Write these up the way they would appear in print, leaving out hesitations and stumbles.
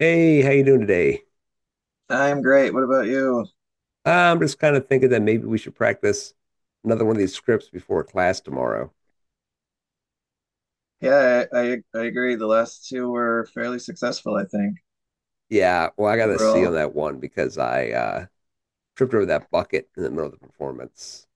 Hey, how you doing today? I'm great. What about you? I'm just kind of thinking that maybe we should practice another one of these scripts before class tomorrow. Yeah, I agree. The last two were fairly successful, I think, Yeah, well, I got a C on overall. that one because I tripped over that bucket in the middle of the performance.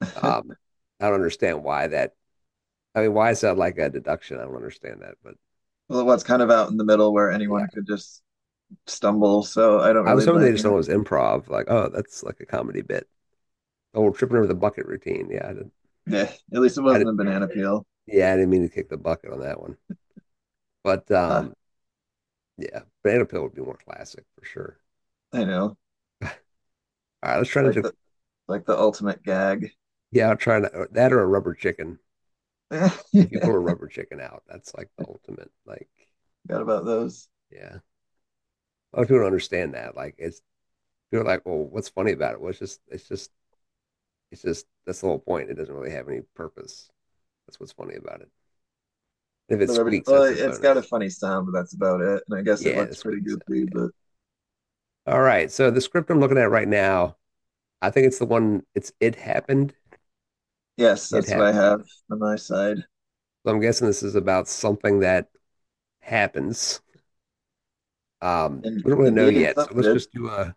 Um, I don't understand why that. I mean, why is that like a deduction? I don't understand that. But Well, what's kind of out in the middle where yeah, anyone could just stumble, so I don't I was really hoping they blame just you. thought it was improv. Like, oh, that's like a comedy bit. Oh, we're tripping over the bucket routine. Yeah, I didn't. Yeah, at least it I wasn't didn't. a banana peel. Yeah, I didn't mean to kick the bucket on that one. But Huh, yeah, banana peel would be more classic for sure. I know. All right, let's try It's to do. Like the ultimate gag. Yeah, I'll try to that or a rubber chicken. If you Yeah, pull a rubber chicken out, that's like the ultimate. Like, forgot about those. yeah, a lot of people don't understand that. Like, it's people are like, well, what's funny about it? Well, it's just that's the whole point. It doesn't really have any purpose. That's what's funny about it. If it The rubber. squeaks, Well, that's a it's got a bonus. funny sound, but that's about it. And I guess it Yeah, the looks pretty squeaky sound. goofy, Yeah. but All right. So the script I'm looking at right now, I think it's the one. It's it happened. yes, It that's what I happened. have on my side. So I'm guessing this is about something that happens. And We don't really know indeed, yet. So something let's did. just do a.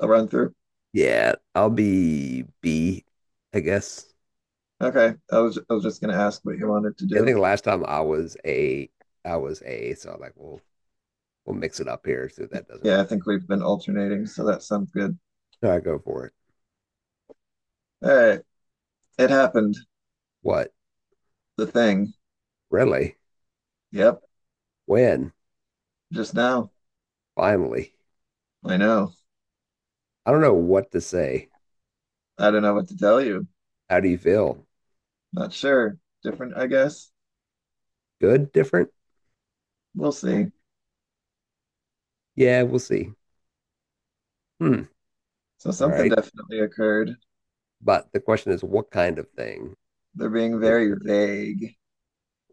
I'll run through. Yeah, I'll be B, I guess. Okay, I was just gonna ask what you wanted to I do. think last time I was A, so I'm like, well, we'll mix it up here, see if that does Yeah, I anything. think we've been alternating, so that sounds good. So I go for it. All right, it happened. What? The thing. Really? Yep, When? just now. Finally. I know. I don't know what to say. I don't know what to tell you. How do you feel? Not sure. Different, I guess. Good? Different? We'll see. Yeah, we'll see. Hmm. So All something right. definitely occurred. But the question is, what kind of thing? They're being very Encourage. vague.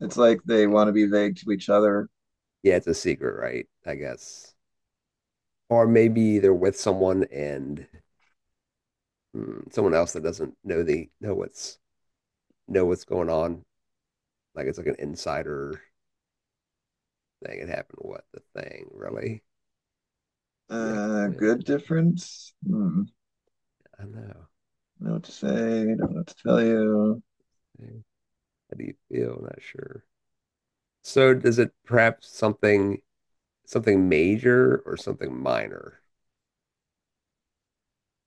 It's What the like they want thing? to be vague to each other. Yeah, it's a secret, right? I guess. Or maybe they're with someone and someone else that doesn't know the know what's going on. Like it's like an insider thing. It happened. What the thing really? Yep. Good When difference? Hmm. I know. Don't know what to say. Don't know what to tell you. Okay. How do you feel? Not sure. So does it perhaps something major or something minor?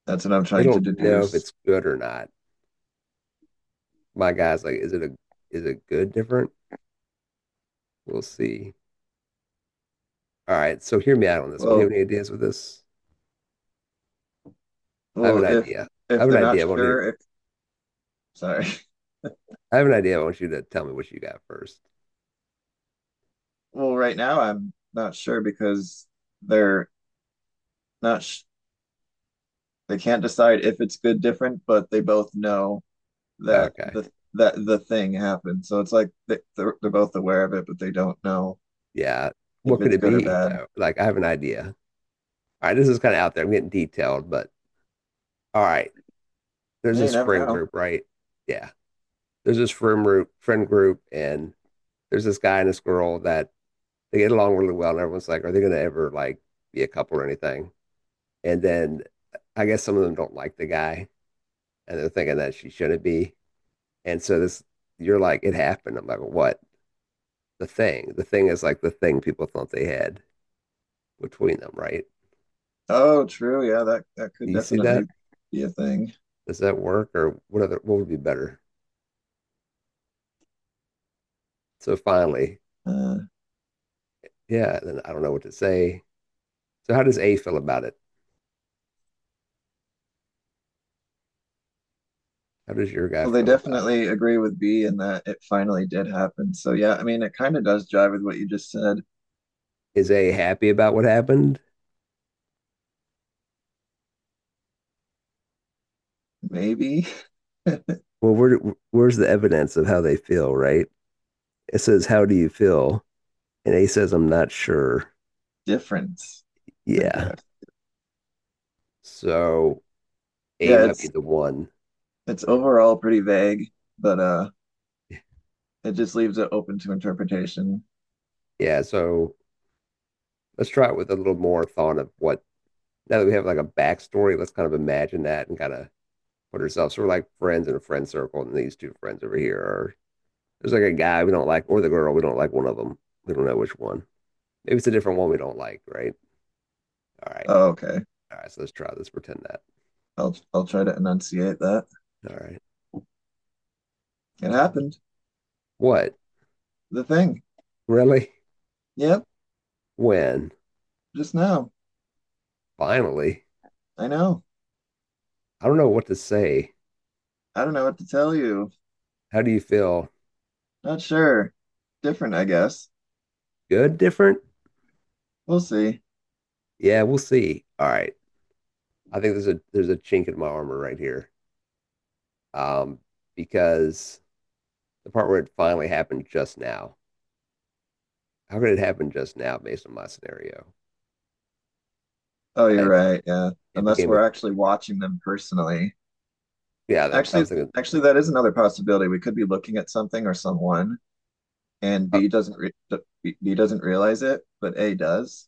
That's what I'm They trying to don't know if deduce. it's good or not. My guy's like, is it good different? We'll see. All right. So hear me out on this one. Do you Well, have any ideas with this? I have well, an if idea. I if have an they're not idea. I want you. sure. Sorry. I have an idea. I want you to tell me what you got first. Well, right now I'm not sure because they're not sh they can't decide if it's good different, but they both know Okay. That the thing happened. So it's like they're both aware of it, but they don't know Yeah. if What could it's it good or be bad. though? Like I have an idea. All right, this is kind of out there. I'm getting detailed, but all right. There's Yeah, you this never friend know. group, right? Yeah. There's this friend group, and there's this guy and this girl that they get along really well, and everyone's like, are they gonna ever like be a couple or anything? And then I guess some of them don't like the guy, and they're thinking that she shouldn't be. And so this, you're like, it happened. I'm like, what? The thing. The thing is like the thing people thought they had between them, right? Oh, true. Yeah, that Do could you see definitely that? be a thing. Does that work or what other what would be better? So finally, Uh, yeah, then I don't know what to say. So how does A feel about it? How does your guy well, they feel about it? definitely agree with B in that it finally did happen. So yeah, I mean, it kind of does jive with what you just said. Is A happy about what happened? Maybe. Well, where, where's the evidence of how they feel, right? It says, "How do you feel?" And A says, "I'm not sure." Difference, I Yeah. guess. So A Yeah, might be the one. it's overall pretty vague, but it just leaves it open to interpretation. Yeah, so let's try it with a little more thought of what now that we have like a backstory, let's kind of imagine that and kind of put ourselves. So we're like friends in a friend circle, and these two friends over here are. There's like a guy we don't like, or the girl we don't like. One of them we don't know which one. Maybe it's a different one we don't like, right? All right, Oh, okay. all right. So let's try this. Pretend that. I'll try to enunciate that. All right. It happened. What? The thing. Really? Yep, When? just now. Finally? I know. I don't know what to say. I don't know what to tell you. How do you feel? Not sure. Different, I guess. Good? Different? We'll see. Yeah, we'll see. All right. I think there's a chink in my armor right here. Um, because the part where it finally happened just now. How could it happen just now based on my scenario? Oh, you're I, right. Yeah. it Unless became a we're actually watching them personally. yeah. I Actually, was thinking. actually that is another possibility. We could be looking at something or someone and Oh, B doesn't realize it, but A does.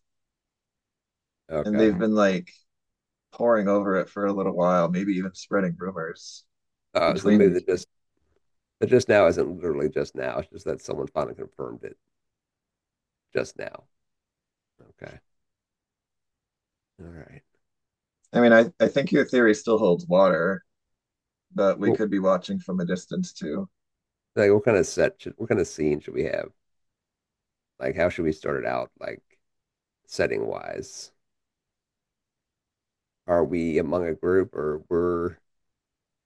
And okay. they've been like poring over it for a little while, maybe even spreading rumors So the between the movie two. That just now isn't literally just now. It's just that someone finally confirmed it just now. Okay. All right. I mean, I think your theory still holds water, but we Well, could be watching from a distance too. like, what kind of set should, what kind of scene should we have? Like, how should we start it out? Like, setting wise, are we among a group or we're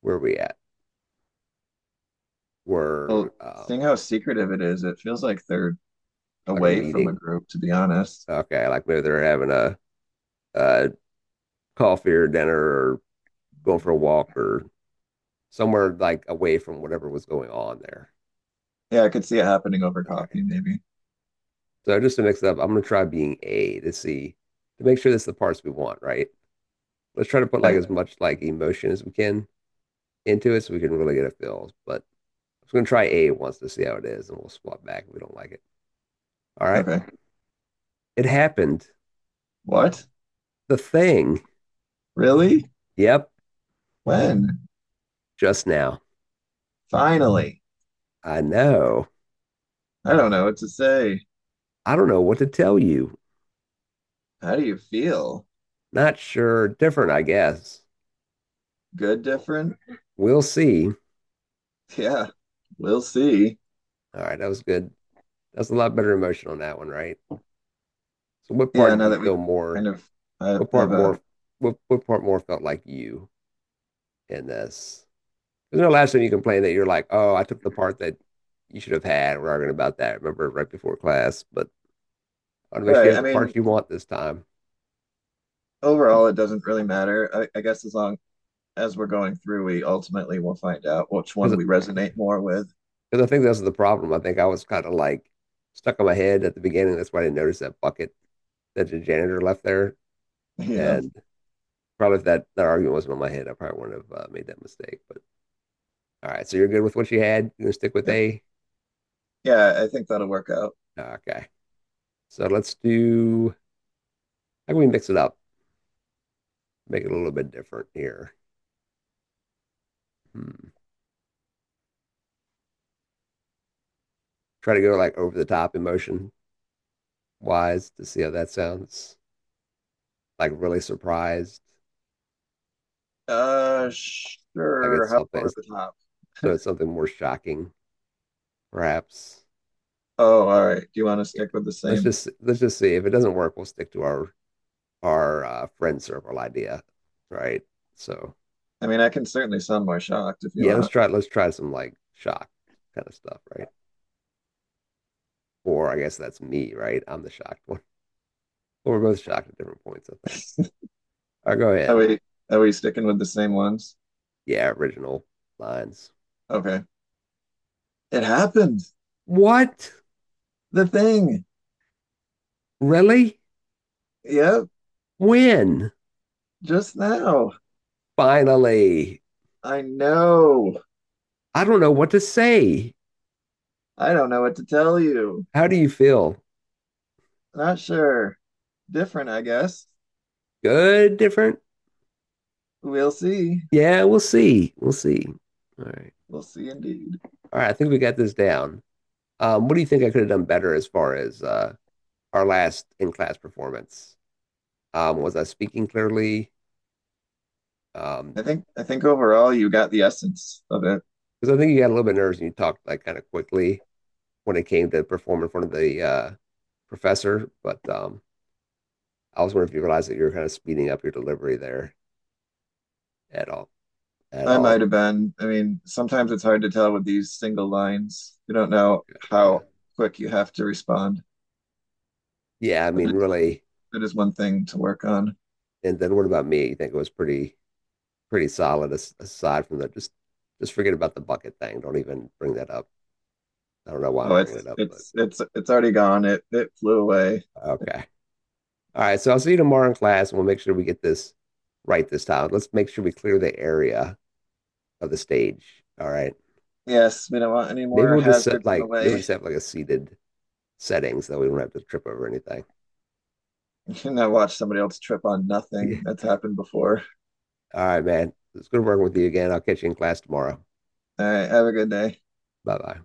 where are we at? We're Well, seeing how secretive it is, it feels like they're like a away from a meeting. group, to be honest. Okay, like maybe they're having a uh coffee or dinner or going for a walk or somewhere like away from whatever was going on there. Yeah, I could see it happening over All right. coffee, maybe. So just to mix it up, I'm gonna try being A to see to make sure that's the parts we want, right? Let's try to put like Right? as much like emotion as we can into it so we can really get a feel. But I'm just gonna try A once to see how it is, and we'll swap back if we don't like it. All right. Okay. It happened. What? The thing. Really? Yep, When? just now. Finally. I know. I don't know what to say. I don't know what to tell you. How do you feel? Not sure. Different, I guess. Good, different? We'll see. Yeah, we'll see. All right, that was good. That's a lot better emotion on that one, right? So what part Yeah, did now you that we feel more. kind of What part have more? a What part more felt like you in this? There's no last time you complained that you're like, oh, I took the part that you should have had. We're arguing about that. I remember right before class, but I want to make sure you Right. have I the part mean, you want this time overall, it doesn't really matter. I guess as long as we're going through, we ultimately will find out which one because we resonate more with. I think that's the problem. I think I was kind of like stuck on my head at the beginning. That's why I didn't notice that bucket that the janitor left there. Yeah. And probably if that, that argument wasn't on my head, I probably wouldn't have made that mistake. But all right, so you're good with what you had. You're gonna stick with It- A. yeah, I think that'll work out. Nah, okay, so let's do. How can we mix it up? Make it a little bit different here. Hmm. Try to go like over the top emotion wise to see how that sounds. Like really surprised. Like Sure. it's How something. over It's, the top? so it's something more shocking, perhaps. Oh, all right. Do you want to Yeah. stick with the Let's same? just let's just see if it doesn't work. We'll stick to our friend circle idea, right? So I mean, I can certainly sound more shocked if you yeah, let's want. try let's try some like shock kind of stuff, right? Or I guess that's me, right? I'm the shocked one. Well, we're both shocked at different points, I think. All right, go Are ahead. we are we sticking with the same ones? Yeah, original lines. Okay. It happened. What? The thing. Really? Yep, When? just now. Finally. I know. I don't know what to say. I don't know what to tell you. How do you feel? Not sure. Different, I guess. Good? Different? We'll see. Yeah, we'll see. We'll see. All right. We'll see indeed. All right. I think we got this down. What do you think I could have done better as far as our last in class performance? Was I speaking clearly? Um, I think overall you got the essence of it. because I think you got a little bit nervous and you talked like kind of quickly when it came to perform in front of the professor. But I was wondering if you realized that you were kind of speeding up your delivery there at all. at I all. might have been. I mean, sometimes it's hard to tell with these single lines. You don't know Yeah. how quick you have to respond. Yeah. I mean, That is, really. that is one thing to work on. And then what about me? You think it was pretty, pretty solid as, aside from that? Just forget about the bucket thing. Don't even bring that up. I don't know why I'm Oh, bringing it up, but it's already gone. It flew away. okay. All right. So I'll see you tomorrow in class and we'll make sure we get this right this time. Let's make sure we clear the area of the stage. All right. Yes, we don't want any Maybe more we'll just set hazards in the like, maybe we'll way. just have like a seated setting so that we don't have to trip over anything. And I watched somebody else trip on Yeah. nothing. That's happened before. All right, man. It's good working with you again. I'll catch you in class tomorrow. All right, have a good day. Bye bye.